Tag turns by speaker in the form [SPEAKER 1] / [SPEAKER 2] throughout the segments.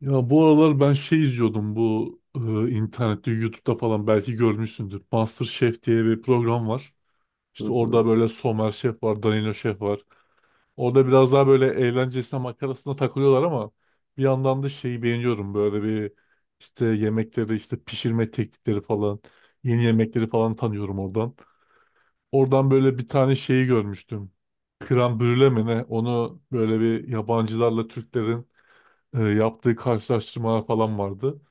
[SPEAKER 1] Ya bu aralar ben izliyordum bu internette YouTube'da falan belki görmüşsündür. MasterChef diye bir program var.
[SPEAKER 2] Hı
[SPEAKER 1] İşte
[SPEAKER 2] hı.
[SPEAKER 1] orada böyle Somer Şef var, Danilo Şef var. Orada biraz daha böyle eğlencesine makarasına takılıyorlar ama bir yandan da şeyi beğeniyorum. Böyle bir işte yemekleri, işte pişirme teknikleri falan, yeni yemekleri falan tanıyorum oradan. Oradan böyle bir tane şeyi görmüştüm. Krem brüle mi ne? Onu böyle bir yabancılarla Türklerin yaptığı karşılaştırmalar falan vardı.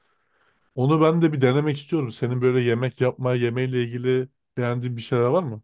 [SPEAKER 1] Onu ben de bir denemek istiyorum. Senin böyle yemek yapma, yemeğiyle ilgili beğendiğin bir şeyler var mı?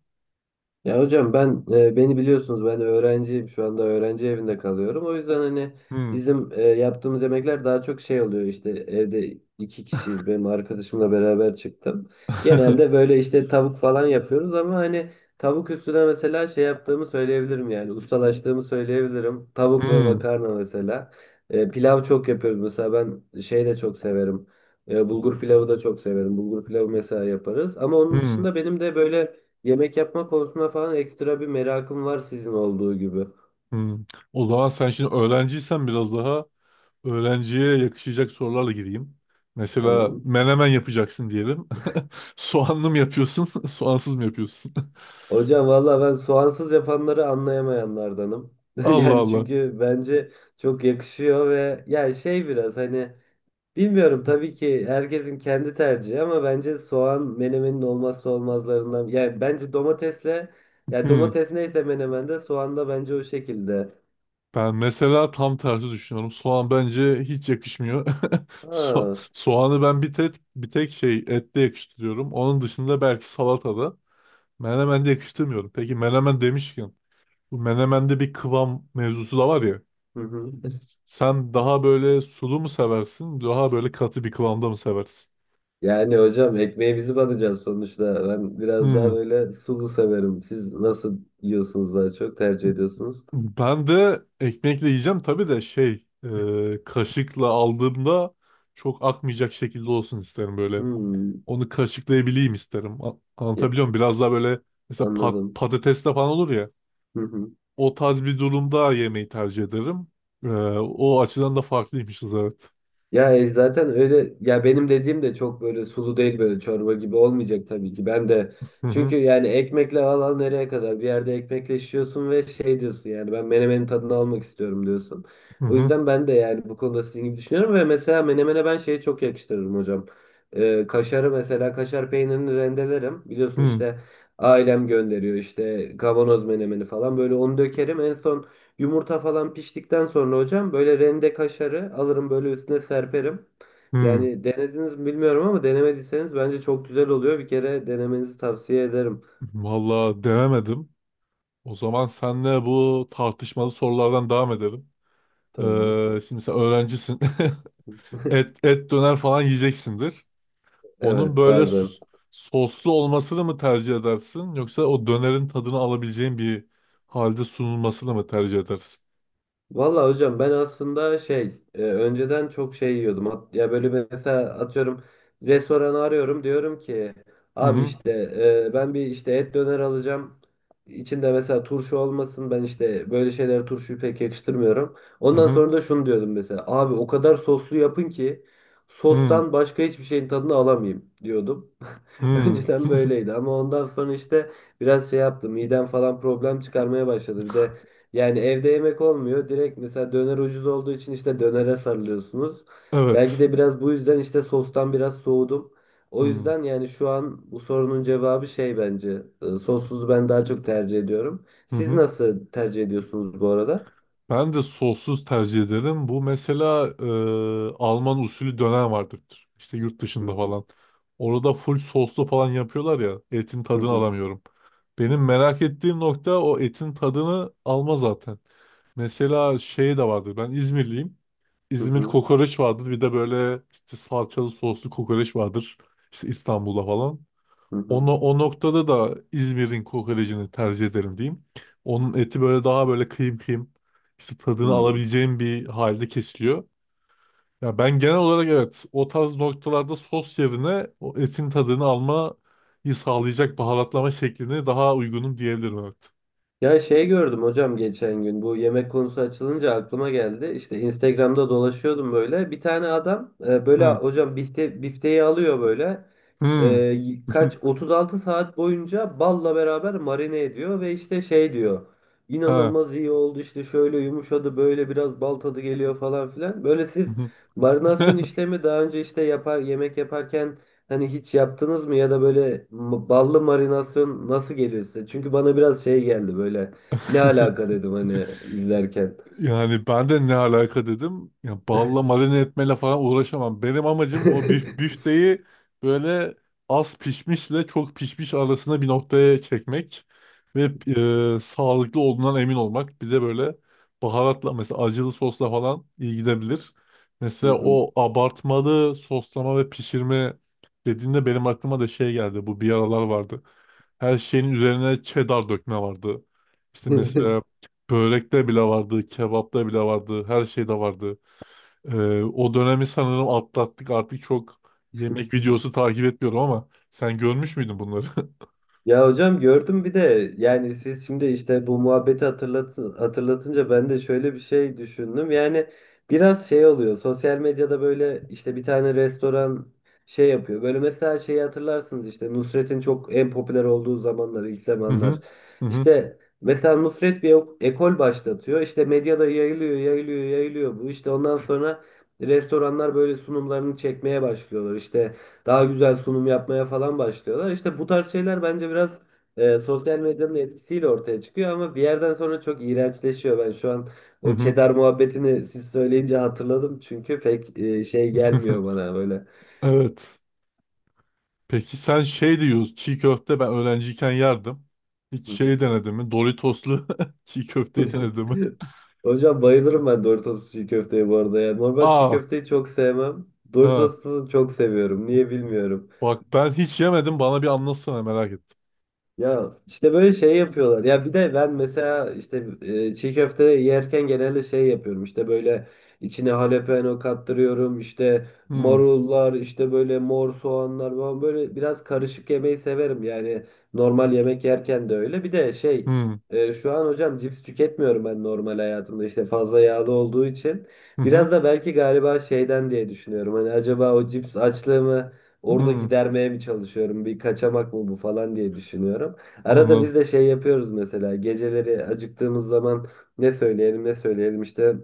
[SPEAKER 2] Ya hocam ben beni biliyorsunuz, ben öğrenciyim şu anda, öğrenci evinde kalıyorum. O yüzden hani
[SPEAKER 1] Hmm.
[SPEAKER 2] bizim yaptığımız yemekler daha çok şey oluyor, işte evde iki kişiyiz, benim arkadaşımla beraber çıktım. Genelde böyle işte tavuk falan yapıyoruz ama hani tavuk üstüne mesela şey yaptığımı söyleyebilirim, yani ustalaştığımı söyleyebilirim. Tavuk ve
[SPEAKER 1] Hmm.
[SPEAKER 2] makarna mesela. Pilav çok yapıyoruz mesela, ben şey de çok severim. Bulgur pilavı da çok severim. Bulgur pilavı mesela yaparız. Ama onun
[SPEAKER 1] Hmm.
[SPEAKER 2] dışında benim de böyle yemek yapma konusuna falan ekstra bir merakım var sizin olduğu gibi.
[SPEAKER 1] Hmm. O zaman sen şimdi öğrenciysen biraz daha öğrenciye yakışacak sorularla gireyim. Mesela
[SPEAKER 2] Tamam.
[SPEAKER 1] menemen yapacaksın diyelim. Soğanlı mı yapıyorsun, soğansız mı yapıyorsun?
[SPEAKER 2] Hocam valla ben soğansız yapanları anlayamayanlardanım.
[SPEAKER 1] Allah
[SPEAKER 2] Yani
[SPEAKER 1] Allah.
[SPEAKER 2] çünkü bence çok yakışıyor ve ya şey, biraz hani bilmiyorum, tabii ki herkesin kendi tercihi ama bence soğan menemenin olmazsa olmazlarından. Yani bence domatesle, ya
[SPEAKER 1] Hmm.
[SPEAKER 2] domates neyse, menemende soğan da bence o şekilde.
[SPEAKER 1] Ben mesela tam tersi düşünüyorum. Soğan bence hiç yakışmıyor.
[SPEAKER 2] Ha.
[SPEAKER 1] Soğanı ben bir tek ette yakıştırıyorum. Onun dışında belki salatada. Menemen de yakıştırmıyorum. Peki menemen demişken bu menemende bir kıvam mevzusu da var ya.
[SPEAKER 2] Hı hı.
[SPEAKER 1] Sen daha böyle sulu mu seversin? Daha böyle katı bir kıvamda mı seversin?
[SPEAKER 2] Yani hocam ekmeğe bizi batacağız sonuçta. Ben biraz daha
[SPEAKER 1] Hmm.
[SPEAKER 2] böyle sulu severim. Siz nasıl yiyorsunuz, daha çok tercih ediyorsunuz?
[SPEAKER 1] Ben de ekmekle yiyeceğim tabii de kaşıkla aldığımda çok akmayacak şekilde olsun isterim böyle.
[SPEAKER 2] Hmm,
[SPEAKER 1] Onu kaşıklayabileyim isterim.
[SPEAKER 2] ya,
[SPEAKER 1] Anlatabiliyor muyum? Biraz daha böyle mesela
[SPEAKER 2] anladım.
[SPEAKER 1] patateste falan olur ya. O tarz bir durumda yemeği tercih ederim. Ee, O açıdan da farklıymışız evet.
[SPEAKER 2] Ya zaten öyle ya, benim dediğim de çok böyle sulu değil, böyle çorba gibi olmayacak tabii ki. Ben de,
[SPEAKER 1] Hı
[SPEAKER 2] çünkü
[SPEAKER 1] hı
[SPEAKER 2] yani ekmekle al nereye kadar, bir yerde ekmekle şişiyorsun ve şey diyorsun, yani ben menemenin tadını almak istiyorum diyorsun.
[SPEAKER 1] hı
[SPEAKER 2] O
[SPEAKER 1] hı
[SPEAKER 2] yüzden ben de yani bu konuda sizin gibi düşünüyorum ve mesela menemene ben şeyi çok yakıştırırım hocam. Kaşarı mesela, kaşar peynirini rendelerim. Biliyorsun
[SPEAKER 1] hı.
[SPEAKER 2] işte ailem gönderiyor işte kavanoz menemeni falan, böyle onu dökerim en son. Yumurta falan piştikten sonra hocam böyle rende kaşarı alırım, böyle üstüne serperim.
[SPEAKER 1] Hı.
[SPEAKER 2] Yani denediniz mi bilmiyorum ama denemediyseniz bence çok güzel oluyor. Bir kere denemenizi tavsiye ederim.
[SPEAKER 1] Vallahi denemedim. O zaman senle bu tartışmalı sorulardan devam edelim.
[SPEAKER 2] Tamam.
[SPEAKER 1] Şimdi sen öğrencisin. Et döner falan yiyeceksindir. Onun
[SPEAKER 2] Evet,
[SPEAKER 1] böyle
[SPEAKER 2] bazen.
[SPEAKER 1] soslu olmasını mı tercih edersin yoksa o dönerin tadını alabileceğin bir halde sunulmasını mı tercih edersin?
[SPEAKER 2] Valla hocam ben aslında şey, önceden çok şey yiyordum. Ya böyle bir, mesela atıyorum restoranı arıyorum, diyorum ki
[SPEAKER 1] Hı
[SPEAKER 2] abi
[SPEAKER 1] hı
[SPEAKER 2] işte ben bir işte et döner alacağım. İçinde mesela turşu olmasın. Ben işte böyle şeylere turşuyu pek yakıştırmıyorum.
[SPEAKER 1] hı
[SPEAKER 2] Ondan
[SPEAKER 1] hı
[SPEAKER 2] sonra da şunu diyordum, mesela abi o kadar soslu yapın ki
[SPEAKER 1] hı
[SPEAKER 2] sostan başka hiçbir şeyin tadını alamayayım diyordum.
[SPEAKER 1] hı.
[SPEAKER 2] Önceden böyleydi ama ondan sonra işte biraz şey yaptım. Midem falan problem çıkarmaya başladı. Bir de yani evde yemek olmuyor. Direkt mesela döner ucuz olduğu için işte dönere sarılıyorsunuz. Belki
[SPEAKER 1] Evet.
[SPEAKER 2] de biraz bu yüzden işte sostan biraz soğudum. O
[SPEAKER 1] Hı
[SPEAKER 2] yüzden yani şu an bu sorunun cevabı şey bence. Sossuzu ben daha çok tercih ediyorum.
[SPEAKER 1] hı.
[SPEAKER 2] Siz
[SPEAKER 1] Hı.
[SPEAKER 2] nasıl tercih ediyorsunuz bu arada?
[SPEAKER 1] Ben de sossuz tercih ederim. Bu mesela Alman usulü döner vardır. İşte yurt
[SPEAKER 2] Hı,
[SPEAKER 1] dışında falan. Orada full soslu falan yapıyorlar ya. Etin
[SPEAKER 2] hı
[SPEAKER 1] tadını
[SPEAKER 2] hı,
[SPEAKER 1] alamıyorum. Benim merak ettiğim nokta o etin tadını alma zaten. Mesela şey de vardır. Ben İzmirliyim.
[SPEAKER 2] hı
[SPEAKER 1] İzmir
[SPEAKER 2] hı,
[SPEAKER 1] kokoreç vardır. Bir de böyle işte salçalı soslu kokoreç vardır. İşte İstanbul'da falan.
[SPEAKER 2] hı
[SPEAKER 1] Onu, o noktada da İzmir'in kokorecini tercih ederim diyeyim. Onun eti böyle daha böyle kıyım kıyım işte
[SPEAKER 2] hı,
[SPEAKER 1] tadını
[SPEAKER 2] hı.
[SPEAKER 1] alabileceğim bir halde kesiliyor. Ya ben genel olarak evet o tarz noktalarda sos yerine o etin tadını almayı sağlayacak baharatlama şeklini daha uygunum diyebilirim evet.
[SPEAKER 2] Ya şey gördüm hocam, geçen gün bu yemek konusu açılınca aklıma geldi. İşte Instagram'da dolaşıyordum böyle. Bir tane adam böyle
[SPEAKER 1] Hı.
[SPEAKER 2] hocam, bifteyi alıyor böyle. E,
[SPEAKER 1] Hı.
[SPEAKER 2] y- kaç 36 saat boyunca balla beraber marine ediyor ve işte şey diyor.
[SPEAKER 1] Ha.
[SPEAKER 2] İnanılmaz iyi oldu işte, şöyle yumuşadı, böyle biraz bal tadı geliyor falan filan. Böyle siz marinasyon işlemi daha önce işte yapar, yemek yaparken, hani hiç yaptınız mı, ya da böyle ballı marinasyon nasıl geliyor size? Çünkü bana biraz şey geldi, böyle ne alaka dedim hani izlerken.
[SPEAKER 1] Yani ben de ne alaka dedim. Ya balla marine etmeyle falan uğraşamam. Benim amacım o büfteyi böyle az pişmişle çok pişmiş arasında bir noktaya çekmek ve sağlıklı olduğundan emin olmak. Bir de böyle baharatla mesela acılı sosla falan iyi gidebilir.
[SPEAKER 2] Hı
[SPEAKER 1] Mesela
[SPEAKER 2] hı.
[SPEAKER 1] o abartmalı soslama ve pişirme dediğinde benim aklıma da şey geldi. Bu bir aralar vardı. Her şeyin üzerine cheddar dökme vardı. İşte mesela börekte bile vardı, kebapta bile vardı, her şeyde vardı. O dönemi sanırım atlattık. Artık çok yemek videosu takip etmiyorum ama sen görmüş müydün bunları?
[SPEAKER 2] Ya hocam gördüm, bir de yani siz şimdi işte bu muhabbeti hatırlatınca ben de şöyle bir şey düşündüm. Yani biraz şey oluyor sosyal medyada, böyle işte bir tane restoran şey yapıyor. Böyle mesela şeyi hatırlarsınız, işte Nusret'in çok en popüler olduğu zamanlar, ilk
[SPEAKER 1] Hı
[SPEAKER 2] zamanlar.
[SPEAKER 1] hı. Hı hı.
[SPEAKER 2] İşte mesela Nusret bir ekol başlatıyor, işte medyada yayılıyor yayılıyor yayılıyor bu, işte ondan sonra restoranlar böyle sunumlarını çekmeye başlıyorlar işte. Daha güzel sunum yapmaya falan başlıyorlar. İşte bu tarz şeyler bence biraz sosyal medyanın etkisiyle ortaya çıkıyor ama bir yerden sonra çok iğrençleşiyor. Ben şu an
[SPEAKER 1] Hı
[SPEAKER 2] o
[SPEAKER 1] hı.
[SPEAKER 2] Çedar muhabbetini siz söyleyince hatırladım, çünkü pek şey gelmiyor bana böyle.
[SPEAKER 1] Evet. Peki sen şey diyorsun, çiğ köfte ben öğrenciyken yerdim. Hiç şey denedin mi? Doritoslu çiğ köfteyi denedin mi?
[SPEAKER 2] Hocam bayılırım ben Doritos çiğ köfteye bu arada ya. Normal çiğ
[SPEAKER 1] Aa,
[SPEAKER 2] köfteyi çok sevmem.
[SPEAKER 1] ha.
[SPEAKER 2] Doritos'u çok seviyorum. Niye bilmiyorum.
[SPEAKER 1] Bak ben hiç yemedim. Bana bir anlatsana merak ettim.
[SPEAKER 2] Ya işte böyle şey yapıyorlar. Ya bir de ben mesela işte çiğ köfte yerken genelde şey yapıyorum. İşte böyle içine jalapeno kattırıyorum. İşte
[SPEAKER 1] Hmm,
[SPEAKER 2] marullar, işte böyle mor soğanlar falan, böyle biraz karışık yemeyi severim. Yani normal yemek yerken de öyle. Bir de şey,
[SPEAKER 1] hmm,
[SPEAKER 2] şu an hocam cips tüketmiyorum ben normal hayatımda. İşte fazla yağlı olduğu için.
[SPEAKER 1] hı hı,
[SPEAKER 2] Biraz da belki galiba şeyden diye düşünüyorum. Hani acaba o cips açlığımı orada
[SPEAKER 1] hmm.
[SPEAKER 2] gidermeye mi çalışıyorum, bir kaçamak mı bu falan diye düşünüyorum. Arada biz
[SPEAKER 1] Anladım.
[SPEAKER 2] de şey yapıyoruz mesela, geceleri acıktığımız zaman ne söyleyelim ne söyleyelim işte,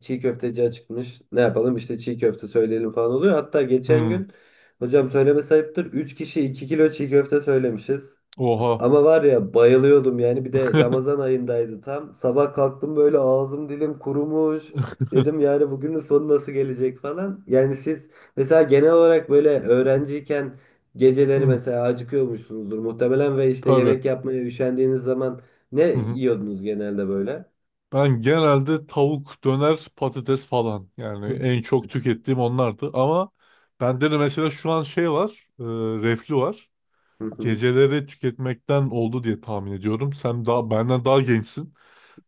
[SPEAKER 2] çiğ köfteci açıkmış, ne yapalım işte çiğ köfte söyleyelim falan oluyor. Hatta geçen
[SPEAKER 1] Hmm.
[SPEAKER 2] gün hocam, söyleme sayıptır, 3 kişi 2 kilo çiğ köfte söylemişiz.
[SPEAKER 1] Oha.
[SPEAKER 2] Ama var ya, bayılıyordum yani, bir de Ramazan ayındaydı tam. Sabah kalktım böyle ağzım, dilim kurumuş. Dedim yani bugünün sonu nasıl gelecek falan. Yani siz mesela genel olarak böyle öğrenciyken geceleri
[SPEAKER 1] Hı,
[SPEAKER 2] mesela acıkıyormuşsunuzdur muhtemelen ve işte
[SPEAKER 1] tabii.
[SPEAKER 2] yemek yapmaya üşendiğiniz zaman ne
[SPEAKER 1] Hı hı.
[SPEAKER 2] yiyordunuz genelde böyle?
[SPEAKER 1] Ben genelde tavuk, döner, patates falan. Yani en çok tükettiğim onlardı. Ama bende de mesela şu an şey var. Reflü var.
[SPEAKER 2] Hı hı.
[SPEAKER 1] Geceleri tüketmekten oldu diye tahmin ediyorum. Sen daha benden daha gençsin.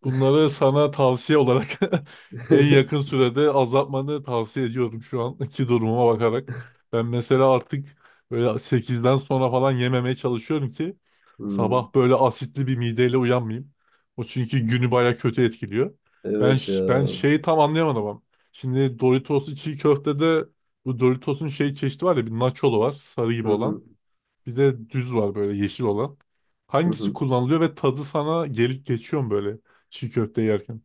[SPEAKER 1] Bunları sana tavsiye olarak en yakın sürede azaltmanı tavsiye ediyorum şu anki durumuma bakarak. Ben mesela artık böyle sekizden sonra falan yememeye çalışıyorum ki
[SPEAKER 2] Hmm.
[SPEAKER 1] sabah böyle asitli bir mideyle uyanmayayım. O çünkü günü baya kötü etkiliyor. Ben
[SPEAKER 2] Evet ya.
[SPEAKER 1] ben şeyi tam anlayamadım ama. Şimdi Doritos'lu çiğ köftede bu Doritos'un şey çeşidi var ya bir nacholu var sarı gibi
[SPEAKER 2] Hı
[SPEAKER 1] olan.
[SPEAKER 2] hı,
[SPEAKER 1] Bir de düz var böyle yeşil olan.
[SPEAKER 2] hı
[SPEAKER 1] Hangisi
[SPEAKER 2] hı.
[SPEAKER 1] kullanılıyor ve tadı sana gelip geçiyor mu böyle çiğ köfte yerken?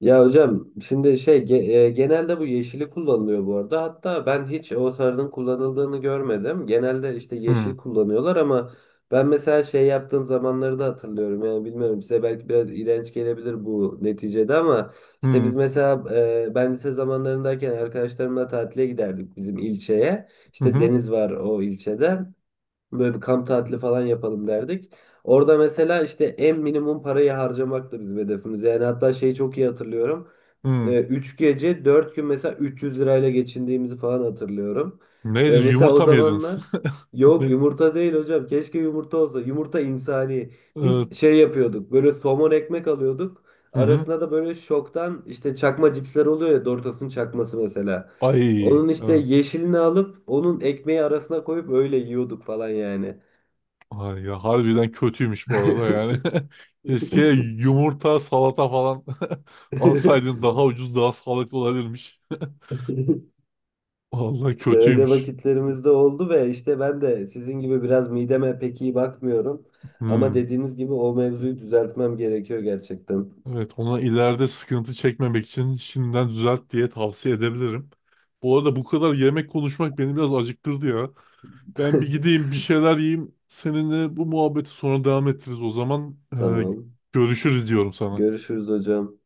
[SPEAKER 2] Ya hocam şimdi şey genelde bu yeşili kullanılıyor bu arada. Hatta ben hiç o sarının kullanıldığını görmedim. Genelde işte
[SPEAKER 1] Hmm.
[SPEAKER 2] yeşil kullanıyorlar ama ben mesela şey yaptığım zamanları da hatırlıyorum. Yani bilmiyorum, size belki biraz iğrenç gelebilir bu neticede ama işte biz
[SPEAKER 1] Hmm.
[SPEAKER 2] mesela ben lise zamanlarındayken arkadaşlarımla tatile giderdik bizim ilçeye.
[SPEAKER 1] Hı
[SPEAKER 2] İşte
[SPEAKER 1] hı.
[SPEAKER 2] deniz var o ilçede. Böyle bir kamp tatili falan yapalım derdik. Orada mesela işte en minimum parayı harcamak da bizim hedefimiz. Yani hatta şeyi çok iyi hatırlıyorum.
[SPEAKER 1] Hmm.
[SPEAKER 2] 3 gece 4 gün mesela 300 lirayla geçindiğimizi falan hatırlıyorum.
[SPEAKER 1] Nedir?
[SPEAKER 2] Mesela o
[SPEAKER 1] Yumurta mı yediniz?
[SPEAKER 2] zamanlar, yok
[SPEAKER 1] Ne?
[SPEAKER 2] yumurta değil hocam, keşke yumurta olsa, yumurta insani. Biz
[SPEAKER 1] Evet.
[SPEAKER 2] şey yapıyorduk, böyle somon ekmek alıyorduk,
[SPEAKER 1] Hı hı.
[SPEAKER 2] arasına da böyle şoktan işte çakma cipsler oluyor ya, Doritos'un çakması mesela.
[SPEAKER 1] Ay.
[SPEAKER 2] Onun işte
[SPEAKER 1] Evet.
[SPEAKER 2] yeşilini alıp onun ekmeği arasına koyup öyle yiyorduk falan yani.
[SPEAKER 1] Ay ya harbiden kötüymüş bu arada yani. Keşke yumurta, salata falan alsaydın daha ucuz, daha sağlıklı olabilirmiş. Vallahi
[SPEAKER 2] İşte öyle
[SPEAKER 1] kötüymüş.
[SPEAKER 2] vakitlerimiz de oldu ve işte ben de sizin gibi biraz mideme pek iyi bakmıyorum. Ama
[SPEAKER 1] Hmm.
[SPEAKER 2] dediğiniz gibi o mevzuyu düzeltmem gerekiyor gerçekten.
[SPEAKER 1] Evet, ona ileride sıkıntı çekmemek için şimdiden düzelt diye tavsiye edebilirim. Bu arada bu kadar yemek konuşmak beni biraz acıktırdı ya. Ben bir gideyim bir şeyler yiyeyim. Seninle bu muhabbeti sonra devam ettiririz o zaman.
[SPEAKER 2] Tamam.
[SPEAKER 1] Görüşürüz diyorum sana.
[SPEAKER 2] Görüşürüz hocam.